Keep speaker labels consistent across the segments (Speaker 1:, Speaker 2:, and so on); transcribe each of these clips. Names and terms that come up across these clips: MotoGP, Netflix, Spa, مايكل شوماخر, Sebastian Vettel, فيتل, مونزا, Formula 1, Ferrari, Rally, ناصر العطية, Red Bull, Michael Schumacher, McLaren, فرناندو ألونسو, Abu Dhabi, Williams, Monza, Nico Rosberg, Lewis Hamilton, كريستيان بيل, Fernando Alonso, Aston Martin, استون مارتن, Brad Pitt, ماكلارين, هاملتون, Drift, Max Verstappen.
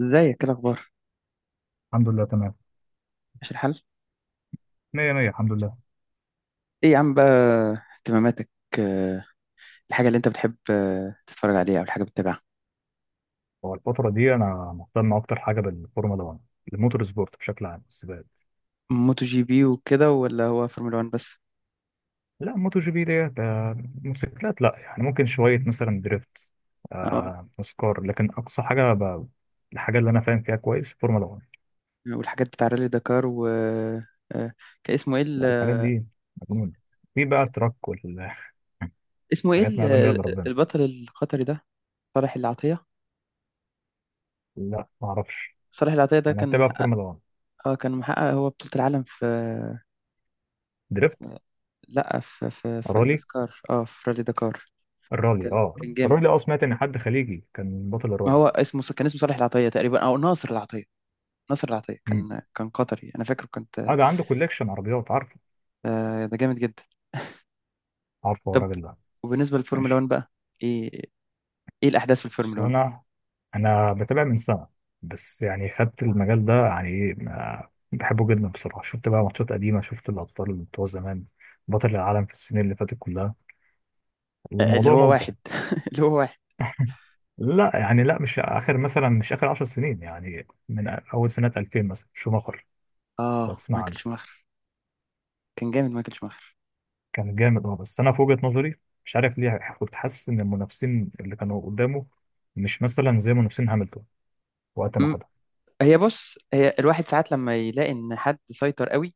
Speaker 1: ازيك؟ ايه الاخبار؟
Speaker 2: الحمد لله، تمام.
Speaker 1: ماشي الحال؟
Speaker 2: مية مية، الحمد لله.
Speaker 1: ايه يا عم بقى اهتماماتك؟ آه، الحاجه اللي انت بتحب تتفرج عليها او الحاجه بتتابعها؟
Speaker 2: هو الفترة دي أنا مهتم أكتر حاجة بالفورمولا 1، الموتور سبورت بشكل عام، السباقات.
Speaker 1: موتو جي بي وكده، ولا هو فورمولا 1 بس؟
Speaker 2: لا، موتو جي بي ديت موتوسيكلات. لا يعني، ممكن شوية مثلا دريفت،
Speaker 1: اه.
Speaker 2: نسكار. لكن أقصى حاجة الحاجة اللي أنا فاهم فيها كويس فورمولا 1.
Speaker 1: والحاجات بتاع رالي دكار، و كان اسمه ايه
Speaker 2: لا، الحاجات
Speaker 1: ال-
Speaker 2: دي مجنونة. في بقى تراك والحاجات.
Speaker 1: اسمه ايه
Speaker 2: ما يعلم بيها
Speaker 1: ال-
Speaker 2: إلا ربنا.
Speaker 1: البطل القطري ده، صالح العطيه.
Speaker 2: لا، ما أعرفش.
Speaker 1: صالح العطيه ده
Speaker 2: أنا
Speaker 1: كان
Speaker 2: بتابع
Speaker 1: محقق.
Speaker 2: فورمولا 1.
Speaker 1: اه، كان محقق، هو بطوله العالم في
Speaker 2: دريفت،
Speaker 1: آه، لا، في
Speaker 2: رالي،
Speaker 1: النسكار، اه، في رالي دكار.
Speaker 2: الرالي
Speaker 1: كان
Speaker 2: اه
Speaker 1: كان جامد.
Speaker 2: الرالي اه سمعت إن حد خليجي كان بطل
Speaker 1: ما
Speaker 2: الرالي.
Speaker 1: هو اسمه كان اسمه صالح العطيه تقريبا، او ناصر العطيه. ناصر العطية كان قطري، أنا فاكره كنت.
Speaker 2: اه ده عنده كوليكشن عربيات. عارفه؟
Speaker 1: ده جامد جدا.
Speaker 2: عارفه هو
Speaker 1: طب
Speaker 2: الراجل ده؟
Speaker 1: وبالنسبة للفورمولا 1
Speaker 2: ماشي.
Speaker 1: بقى، إيه إيه الأحداث في
Speaker 2: بس
Speaker 1: الفورمولا 1؟
Speaker 2: انا بتابع من سنه. بس يعني خدت المجال ده، يعني ايه، بحبه جدا بصراحه. شفت بقى ماتشات قديمه، شفت الابطال اللي بتوع زمان، بطل العالم في السنين اللي فاتت كلها.
Speaker 1: اللي
Speaker 2: الموضوع
Speaker 1: هو
Speaker 2: ممتع.
Speaker 1: واحد اللي هو واحد،
Speaker 2: لا، يعني، لا، مش اخر 10 سنين. يعني من اول سنه 2000، مثلا شوماخر. لو تسمع عنه.
Speaker 1: مايكل شوماخر. كان جامد مايكل شوماخر.
Speaker 2: كان جامد، بس انا في وجهه نظري مش عارف ليه كنت حاسس ان المنافسين اللي كانوا قدامه مش مثلا زي منافسين هاملتون وقت ما
Speaker 1: م-
Speaker 2: خدها.
Speaker 1: هي، بص، هي الواحد ساعات لما يلاقي إن حد سيطر قوي،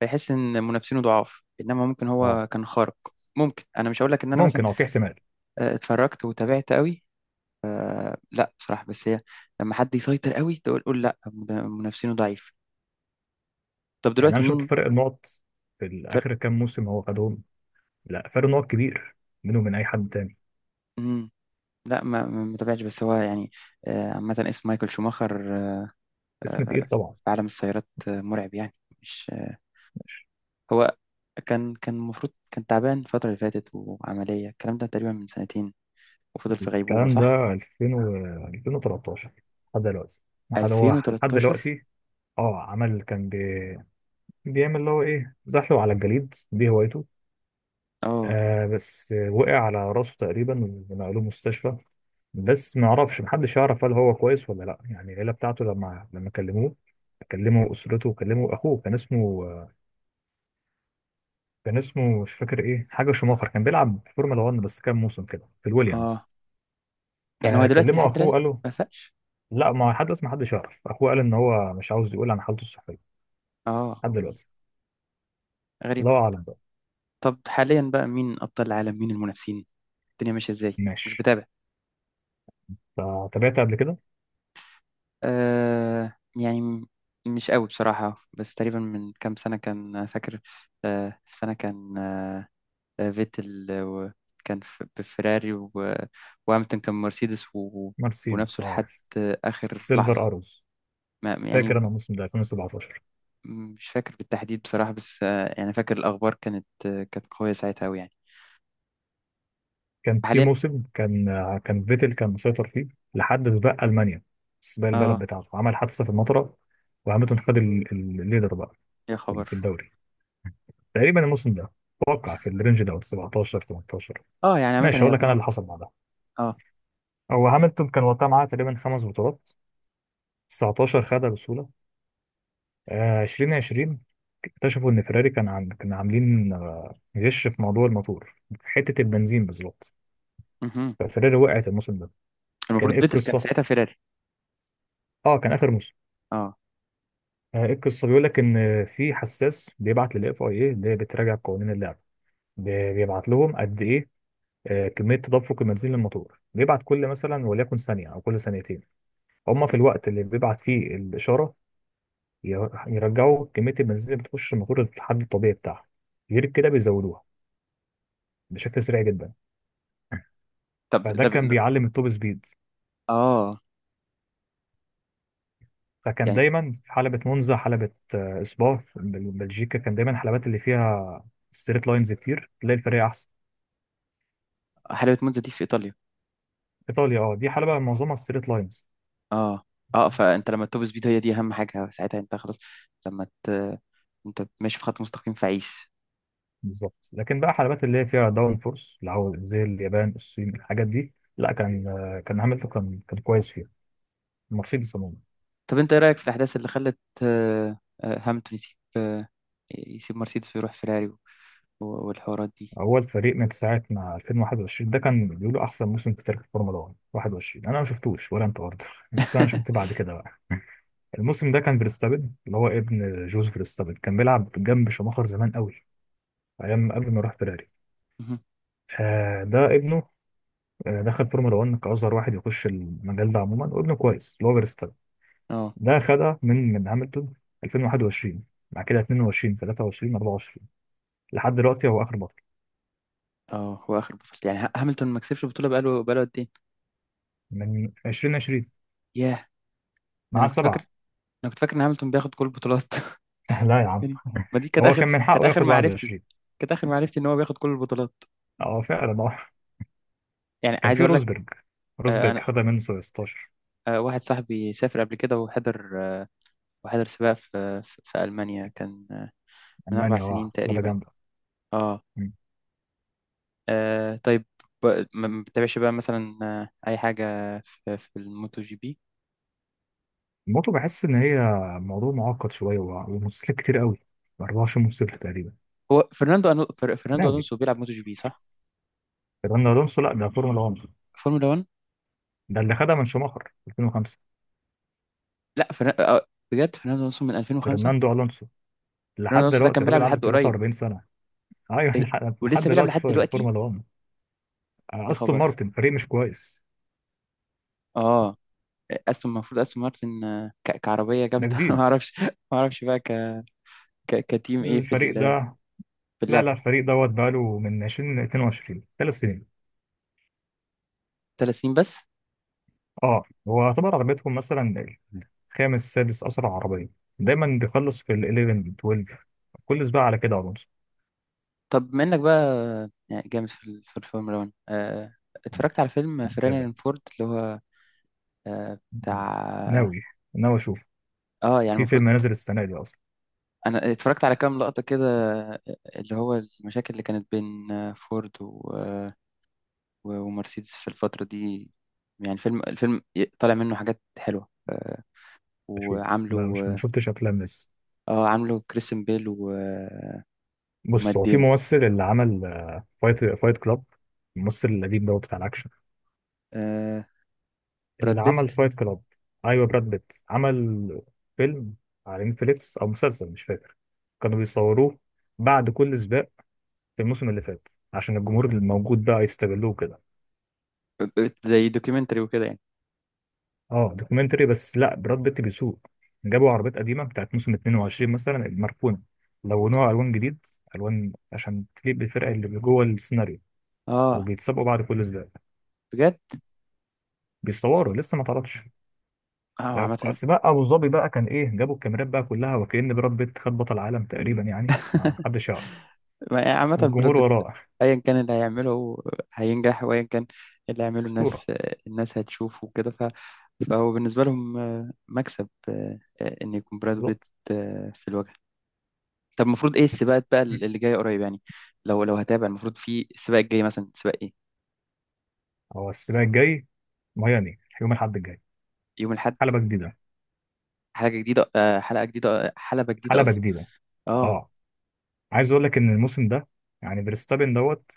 Speaker 1: فيحس إن منافسينه ضعاف، إنما ممكن
Speaker 2: اه،
Speaker 1: هو كان خارق. ممكن. أنا مش هقول لك إن أنا مثلا
Speaker 2: ممكن، في احتمال.
Speaker 1: اتفرجت وتابعت قوي. لا، بصراحة، بس هي، لما حد يسيطر قوي تقول قول لا ده منافسينه ضعيف. طب
Speaker 2: يعني
Speaker 1: دلوقتي
Speaker 2: انا شفت
Speaker 1: مين؟
Speaker 2: فرق النقط في اخر كام موسم هو خدهم، لا، فرق نقط كبير منه من اي حد تاني.
Speaker 1: فرق. لا ما تابعتش، بس هو يعني عامة، اسم مايكل شوماخر
Speaker 2: اسم تقيل طبعا.
Speaker 1: في عالم السيارات مرعب يعني. مش،
Speaker 2: ماشي.
Speaker 1: هو كان المفروض، كان تعبان الفترة اللي فاتت، وعملية الكلام ده تقريبا من سنتين، وفضل في غيبوبة،
Speaker 2: الكلام ده
Speaker 1: صح؟
Speaker 2: 2000 و 2013، لحد دلوقتي. لحد
Speaker 1: 2013.
Speaker 2: دلوقتي. اه عمل كان بي... بيعمل اللي هو ايه، زحله على الجليد دي هوايته.
Speaker 1: اه.
Speaker 2: بس وقع على راسه تقريبا، ونقلوه مستشفى. بس ما اعرفش، محدش يعرف هل هو كويس ولا لا. يعني العيله بتاعته لما كلموه، كلموا اسرته وكلموا اخوه. كان اسمه مش فاكر ايه، حاجه شوماخر، كان بيلعب في فورمولا 1 بس كام موسم كده في الويليامز.
Speaker 1: اه يعني هو دلوقتي
Speaker 2: كلموا
Speaker 1: لحد
Speaker 2: اخوه
Speaker 1: الآن
Speaker 2: قالوا.
Speaker 1: ما فاقش؟
Speaker 2: لا، ما لحد دلوقتي ما حدش يعرف. اخوه قال ان هو مش عاوز يقول عن حالته الصحيه
Speaker 1: اه،
Speaker 2: لحد دلوقتي.
Speaker 1: غريبة.
Speaker 2: الله اعلم بقى.
Speaker 1: طب حاليا بقى، مين أبطال العالم؟ مين المنافسين؟ الدنيا ماشية ازاي؟ مش
Speaker 2: ماشي،
Speaker 1: بتابع.
Speaker 2: تابعت قبل كده.
Speaker 1: آه يعني م- مش قوي بصراحة، بس تقريبا من كام سنة، كان فاكر في سنة، كان فيتل كان بفيراري، وهاملتون كان مرسيدس و-
Speaker 2: مرسيدس،
Speaker 1: ونفسه لحد آخر لحظة.
Speaker 2: سيلفر اروز.
Speaker 1: ما يعني
Speaker 2: فاكر
Speaker 1: م-
Speaker 2: انا الموسم ده 2017.
Speaker 1: مش فاكر بالتحديد بصراحة، بس يعني فاكر الأخبار كانت، كانت قوية ساعتها أوي يعني.
Speaker 2: كان في
Speaker 1: حاليا،
Speaker 2: موسم كان فيتل كان مسيطر فيه لحد سباق المانيا، سباق البلد
Speaker 1: اه.
Speaker 2: بتاعته، عمل حادثه في المطره، وهامilton خد الليدر بقى
Speaker 1: يا
Speaker 2: في
Speaker 1: خبر.
Speaker 2: الدوري. تقريبا الموسم ده اتوقع في الرينج ده 17، 18.
Speaker 1: اه يعني عامة
Speaker 2: ماشي، هقول
Speaker 1: هي.
Speaker 2: لك انا اللي حصل بعدها.
Speaker 1: اه.
Speaker 2: هو هامilton كان وقتها معاه تقريبا خمس بطولات. 19 خدها بسهوله. 2020 اكتشفوا ان فيراري كان عاملين غش في موضوع الموتور، حته البنزين بالظبط.
Speaker 1: مهم.
Speaker 2: ففيراري وقعت الموسم ده. كان
Speaker 1: المفروض
Speaker 2: ايه
Speaker 1: فيتل كان
Speaker 2: القصه؟
Speaker 1: ساعتها فيراري.
Speaker 2: اه كان اخر موسم.
Speaker 1: اه،
Speaker 2: إيه القصه، بيقول لك ان في حساس بيبعت للاف اي اي اللي بتراجع قوانين اللعبه، بيبعت لهم قد ايه، كميه تدفق البنزين للموتور. بيبعت كل، مثلا وليكن، ثانيه او كل ثانيتين. هما في
Speaker 1: تمام.
Speaker 2: الوقت اللي بيبعت فيه الاشاره يرجعوا كميه البنزين اللي بتخش الموتور للحد الطبيعي بتاعها. غير كده بيزودوها بشكل سريع جدا.
Speaker 1: طب
Speaker 2: فده
Speaker 1: ده ب...
Speaker 2: كان بيعلم التوب سبيد.
Speaker 1: اه
Speaker 2: فكان
Speaker 1: يعني،
Speaker 2: دايما في حلبة مونزا، حلبة سبا في بلجيكا. كان دايما الحلبات اللي فيها ستريت لاينز كتير تلاقي الفريق.
Speaker 1: حلاوة مونزا دي في إيطاليا.
Speaker 2: ايطاليا، دي حلبة معظمها ستريت لاينز.
Speaker 1: اه. اه، فأنت لما توب سبيد، هي دي أهم حاجة ساعتها، أنت خلاص. لما ت... أنت ماشي في خط مستقيم فعيش.
Speaker 2: بالظبط. لكن بقى حلبات اللي هي فيها داون فورس، اللي هو زي اليابان، الصين، الحاجات دي، لا، كان هامilton كان كويس فيها، مرسيدس عموما.
Speaker 1: طب أنت إيه رأيك في الأحداث اللي خلت، هامilton يسيب يسيب مرسيدس ويروح فيراري، والحوارات دي؟
Speaker 2: اول فريق من ساعه ما 2021، ده كان بيقولوا احسن موسم في تاريخ الفورمولا 1، 21. انا ما شفتوش، ولا انت برضه؟ بس انا شفت بعد كده بقى. الموسم ده كان فيرستابن، اللي هو ابن جوز فيرستابن، كان بيلعب جنب شوماخر زمان قوي، ايام قبل ما يروح فيراري.
Speaker 1: مهم.
Speaker 2: ده ابنه. دخل فورمولا 1 كأصغر واحد يخش المجال ده عموما، وابنه كويس اللي هو فيرستابن.
Speaker 1: اه.
Speaker 2: ده خدها من هاملتون 2021. بعد كده 22، 23، 24، لحد دلوقتي هو آخر بطل.
Speaker 1: اه هو اخر بطولة، يعني هاملتون ما كسبش البطولة بقاله قد ايه؟
Speaker 2: من 2020
Speaker 1: ياه.
Speaker 2: معاه
Speaker 1: انا كنت فاكر
Speaker 2: سبعة.
Speaker 1: انا كنت فاكر ان هاملتون بياخد كل البطولات.
Speaker 2: لا يا عم،
Speaker 1: يعني، ما دي كانت
Speaker 2: هو
Speaker 1: اخر،
Speaker 2: كان من
Speaker 1: كانت
Speaker 2: حقه
Speaker 1: اخر
Speaker 2: ياخد
Speaker 1: معرفتي
Speaker 2: 21.
Speaker 1: كانت اخر معرفتي ان هو بياخد كل البطولات.
Speaker 2: اه فعلا. اه
Speaker 1: يعني
Speaker 2: كان
Speaker 1: عايز
Speaker 2: في
Speaker 1: اقول لك.
Speaker 2: روزبرج. روزبرج
Speaker 1: آه،
Speaker 2: خدها منه 16.
Speaker 1: واحد صاحبي سافر قبل كده وحضر، وحضر سباق في ألمانيا، كان من أربع
Speaker 2: ألمانيا،
Speaker 1: سنين
Speaker 2: لعبة
Speaker 1: تقريبا.
Speaker 2: جامدة.
Speaker 1: اه.
Speaker 2: مم.
Speaker 1: طيب. ما ما بتتابعش بقى مثلا أي حاجة في, في الموتو جي بي؟
Speaker 2: الموتو بحس إن هي موضوع معقد شوية، وموتوسيكلات كتير قوي. 24 موتوسيكل تقريبا.
Speaker 1: هو فرناندو فرناندو
Speaker 2: ناوي.
Speaker 1: ألونسو بيلعب موتو جي بي، صح؟
Speaker 2: فيرناندو الونسو؟ لا ده فورمولا 1.
Speaker 1: فورمولا 1.
Speaker 2: ده اللي خدها من شوماخر 2005.
Speaker 1: لا، فرنا... آه، بجد فرناندو ألونسو من 2005؟
Speaker 2: فرناندو الونسو
Speaker 1: فرناندو
Speaker 2: لحد
Speaker 1: ألونسو ده كان
Speaker 2: دلوقتي
Speaker 1: بيلعب
Speaker 2: الراجل عنده
Speaker 1: لحد قريب؟
Speaker 2: 43 سنه. ايوه.
Speaker 1: إيه ده؟
Speaker 2: لحد
Speaker 1: ولسه بيلعب
Speaker 2: دلوقتي
Speaker 1: لحد
Speaker 2: في
Speaker 1: دلوقتي؟
Speaker 2: الفورمولا 1.
Speaker 1: يا
Speaker 2: استون
Speaker 1: خبر.
Speaker 2: مارتن فريق مش كويس.
Speaker 1: اه. استون، المفروض استون مارتن كعربيه
Speaker 2: ده
Speaker 1: جامده. ما
Speaker 2: جديد
Speaker 1: اعرفش. ما اعرفش بقى كتيم ايه في
Speaker 2: الفريق ده.
Speaker 1: في
Speaker 2: لا،
Speaker 1: اللعبه؟
Speaker 2: لا، الفريق دوت بقاله من 2022، 3 سنين.
Speaker 1: 3 سنين بس؟
Speaker 2: اه، هو يعتبر عربيتهم مثلا خامس سادس اسرع عربيه. دايما بيخلص في ال 11، 12، كل سباق على كده الونسو.
Speaker 1: طب منك بقى، يعني جامد في في الفورمولا 1، اتفرجت على فيلم فيراري
Speaker 2: متابع.
Speaker 1: اند فورد، اللي هو بتاع.
Speaker 2: ناوي. ناوي اشوف.
Speaker 1: اه يعني
Speaker 2: في
Speaker 1: المفروض.
Speaker 2: فيلم نازل السنه دي اصلا.
Speaker 1: انا اتفرجت على كام لقطة كده، آه، اللي هو المشاكل اللي كانت بين فورد ومرسيدس في الفترة دي. يعني فيلم، الفيلم طالع منه حاجات حلوة
Speaker 2: اشوف.
Speaker 1: وعامله.
Speaker 2: لا، مش، ما
Speaker 1: اه.
Speaker 2: شفتش افلام لسه.
Speaker 1: عامله كريستيان بيل و... آه،
Speaker 2: بص
Speaker 1: ومات
Speaker 2: هو في
Speaker 1: ديمون.
Speaker 2: ممثل اللي عمل فايت كلاب، الممثل القديم ده بتاع الاكشن،
Speaker 1: آه،
Speaker 2: اللي
Speaker 1: براد بيت.
Speaker 2: عمل فايت كلاب. ايوه، براد بيت عمل فيلم على نتفليكس او مسلسل، مش فاكر. كانوا بيصوروه بعد كل سباق في الموسم اللي فات، عشان الجمهور الموجود بقى يستغلوه كده.
Speaker 1: زي دوكيومنتري وكده يعني.
Speaker 2: اه، دوكيومنتري بس لا، براد بيت بيسوق. جابوا عربيات قديمه بتاعت موسم 22 مثلا، المركونه، لونوها الوان جديد، الوان عشان تليق بالفرقه اللي جوه السيناريو.
Speaker 1: اه،
Speaker 2: وبيتسابقوا بعد كل سباق.
Speaker 1: بجد.
Speaker 2: بيصوروا، لسه ما اتعرضش.
Speaker 1: اه، عامة.
Speaker 2: اصل بقى ابو ظبي بقى كان ايه، جابوا الكاميرات بقى كلها وكأن براد بيت خد بطل العالم تقريبا، يعني ما حدش يعرف.
Speaker 1: عامة براد
Speaker 2: والجمهور
Speaker 1: بيت،
Speaker 2: وراه،
Speaker 1: ايا كان اللي هيعمله هينجح، وايا كان اللي هيعمله الناس،
Speaker 2: اسطوره.
Speaker 1: الناس هتشوفه وكده، فهو بالنسبة لهم مكسب ان يكون براد بيت
Speaker 2: بالظبط.
Speaker 1: في الواجهة. طب المفروض ايه السباقات بقى
Speaker 2: مم.
Speaker 1: اللي جاية قريب يعني؟ لو، لو هتابع، المفروض في السباق الجاي مثلا سباق ايه؟
Speaker 2: هو السباق الجاي ميامي، يوم الاحد الجاي.
Speaker 1: يوم الاحد.
Speaker 2: حلبه جديده.
Speaker 1: حاجة جديدة، حلقة جديدة، حلبة جديدة
Speaker 2: حلبه
Speaker 1: اصلا.
Speaker 2: جديده،
Speaker 1: اه.
Speaker 2: اه. عايز اقول لك ان الموسم ده، يعني فيرستابن دوت.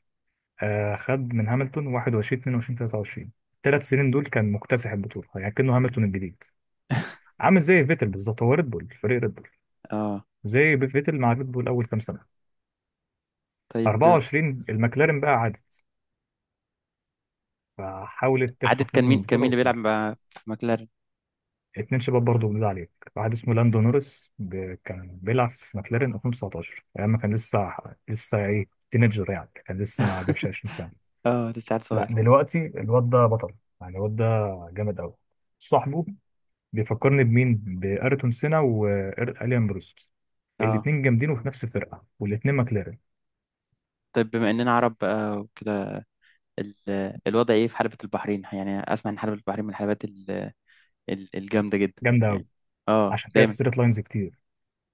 Speaker 2: خد من هاملتون 21، 22، 23، الثلاث سنين دول كان مكتسح البطوله، يعني كانه هاملتون الجديد. عامل زي فيتل بالظبط، هو ريد بول، فريق ريد بول،
Speaker 1: اه،
Speaker 2: زي فيتل مع ريد بول اول كام سنه.
Speaker 1: طيب.
Speaker 2: 24 المكلارين بقى عادت، فحاولت
Speaker 1: عدد،
Speaker 2: تخطف
Speaker 1: كان
Speaker 2: منهم
Speaker 1: مين، كان مين
Speaker 2: البطوله
Speaker 1: اللي
Speaker 2: بس ما
Speaker 1: بيلعب
Speaker 2: عرفتش.
Speaker 1: مع في ماكلارين؟
Speaker 2: اتنين شباب برضه، بنقول عليك واحد اسمه لاندو نورس، كان بيلعب في ماكلارين 2019 ايام ما كان لسه، لسه ايه، تينيجر يعني، كان لسه ما جابش 20 سنه.
Speaker 1: اه، لسه عيل
Speaker 2: لا،
Speaker 1: صغير.
Speaker 2: دلوقتي الواد ده بطل. يعني الواد ده جامد قوي. صاحبه بيفكرني بمين؟ بأيرتون سينا وإليان بروست.
Speaker 1: اه.
Speaker 2: الاتنين جامدين، وفي نفس الفرقه، والاتنين ماكلارين.
Speaker 1: طيب، بما اننا عرب بقى وكده، الوضع ايه في حلبة البحرين؟ يعني اسمع ان حلبة البحرين من الحلبات الجامدة جدا
Speaker 2: جامده قوي.
Speaker 1: يعني. اه،
Speaker 2: عشان كده
Speaker 1: دايما.
Speaker 2: الستريت لاينز كتير.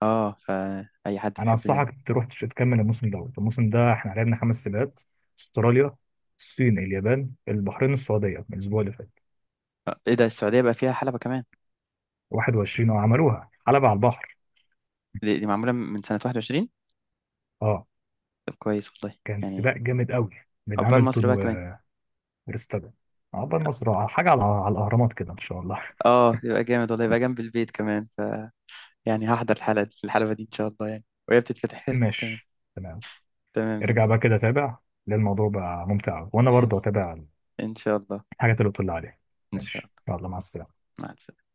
Speaker 1: اه، فاي حد
Speaker 2: انا
Speaker 1: بيحب ده.
Speaker 2: انصحك تروح تكمل الموسم دوت. الموسم ده احنا لعبنا خمس سباقات، استراليا، الصين، اليابان، البحرين، السعوديه من الاسبوع اللي فات.
Speaker 1: ايه ده السعودية بقى فيها حلبة كمان؟
Speaker 2: 21، عملوها حلبة على البحر.
Speaker 1: دي، معمولة من سنة 21؟
Speaker 2: اه،
Speaker 1: طب كويس والله
Speaker 2: كان
Speaker 1: يعني.
Speaker 2: سباق جامد قوي بين
Speaker 1: عقبال
Speaker 2: هامilton
Speaker 1: مصر بقى كمان.
Speaker 2: وفيرستابن. عقبال مصر، حاجه على الاهرامات كده ان شاء الله.
Speaker 1: اه، يبقى جامد والله، يبقى جنب البيت كمان، ف يعني هحضر الحلقة دي، الحلبة دي، ان شاء الله يعني، وهي بتتفتح كمان.
Speaker 2: ماشي، تمام.
Speaker 1: تمام جدا.
Speaker 2: ارجع بقى كده تابع، لان الموضوع بقى ممتع أوي. وانا برضه اتابع
Speaker 1: ان شاء الله.
Speaker 2: الحاجات اللي قلت لي عليها.
Speaker 1: ان شاء
Speaker 2: ماشي،
Speaker 1: الله.
Speaker 2: يلا، مع السلامه.
Speaker 1: مع السلامة.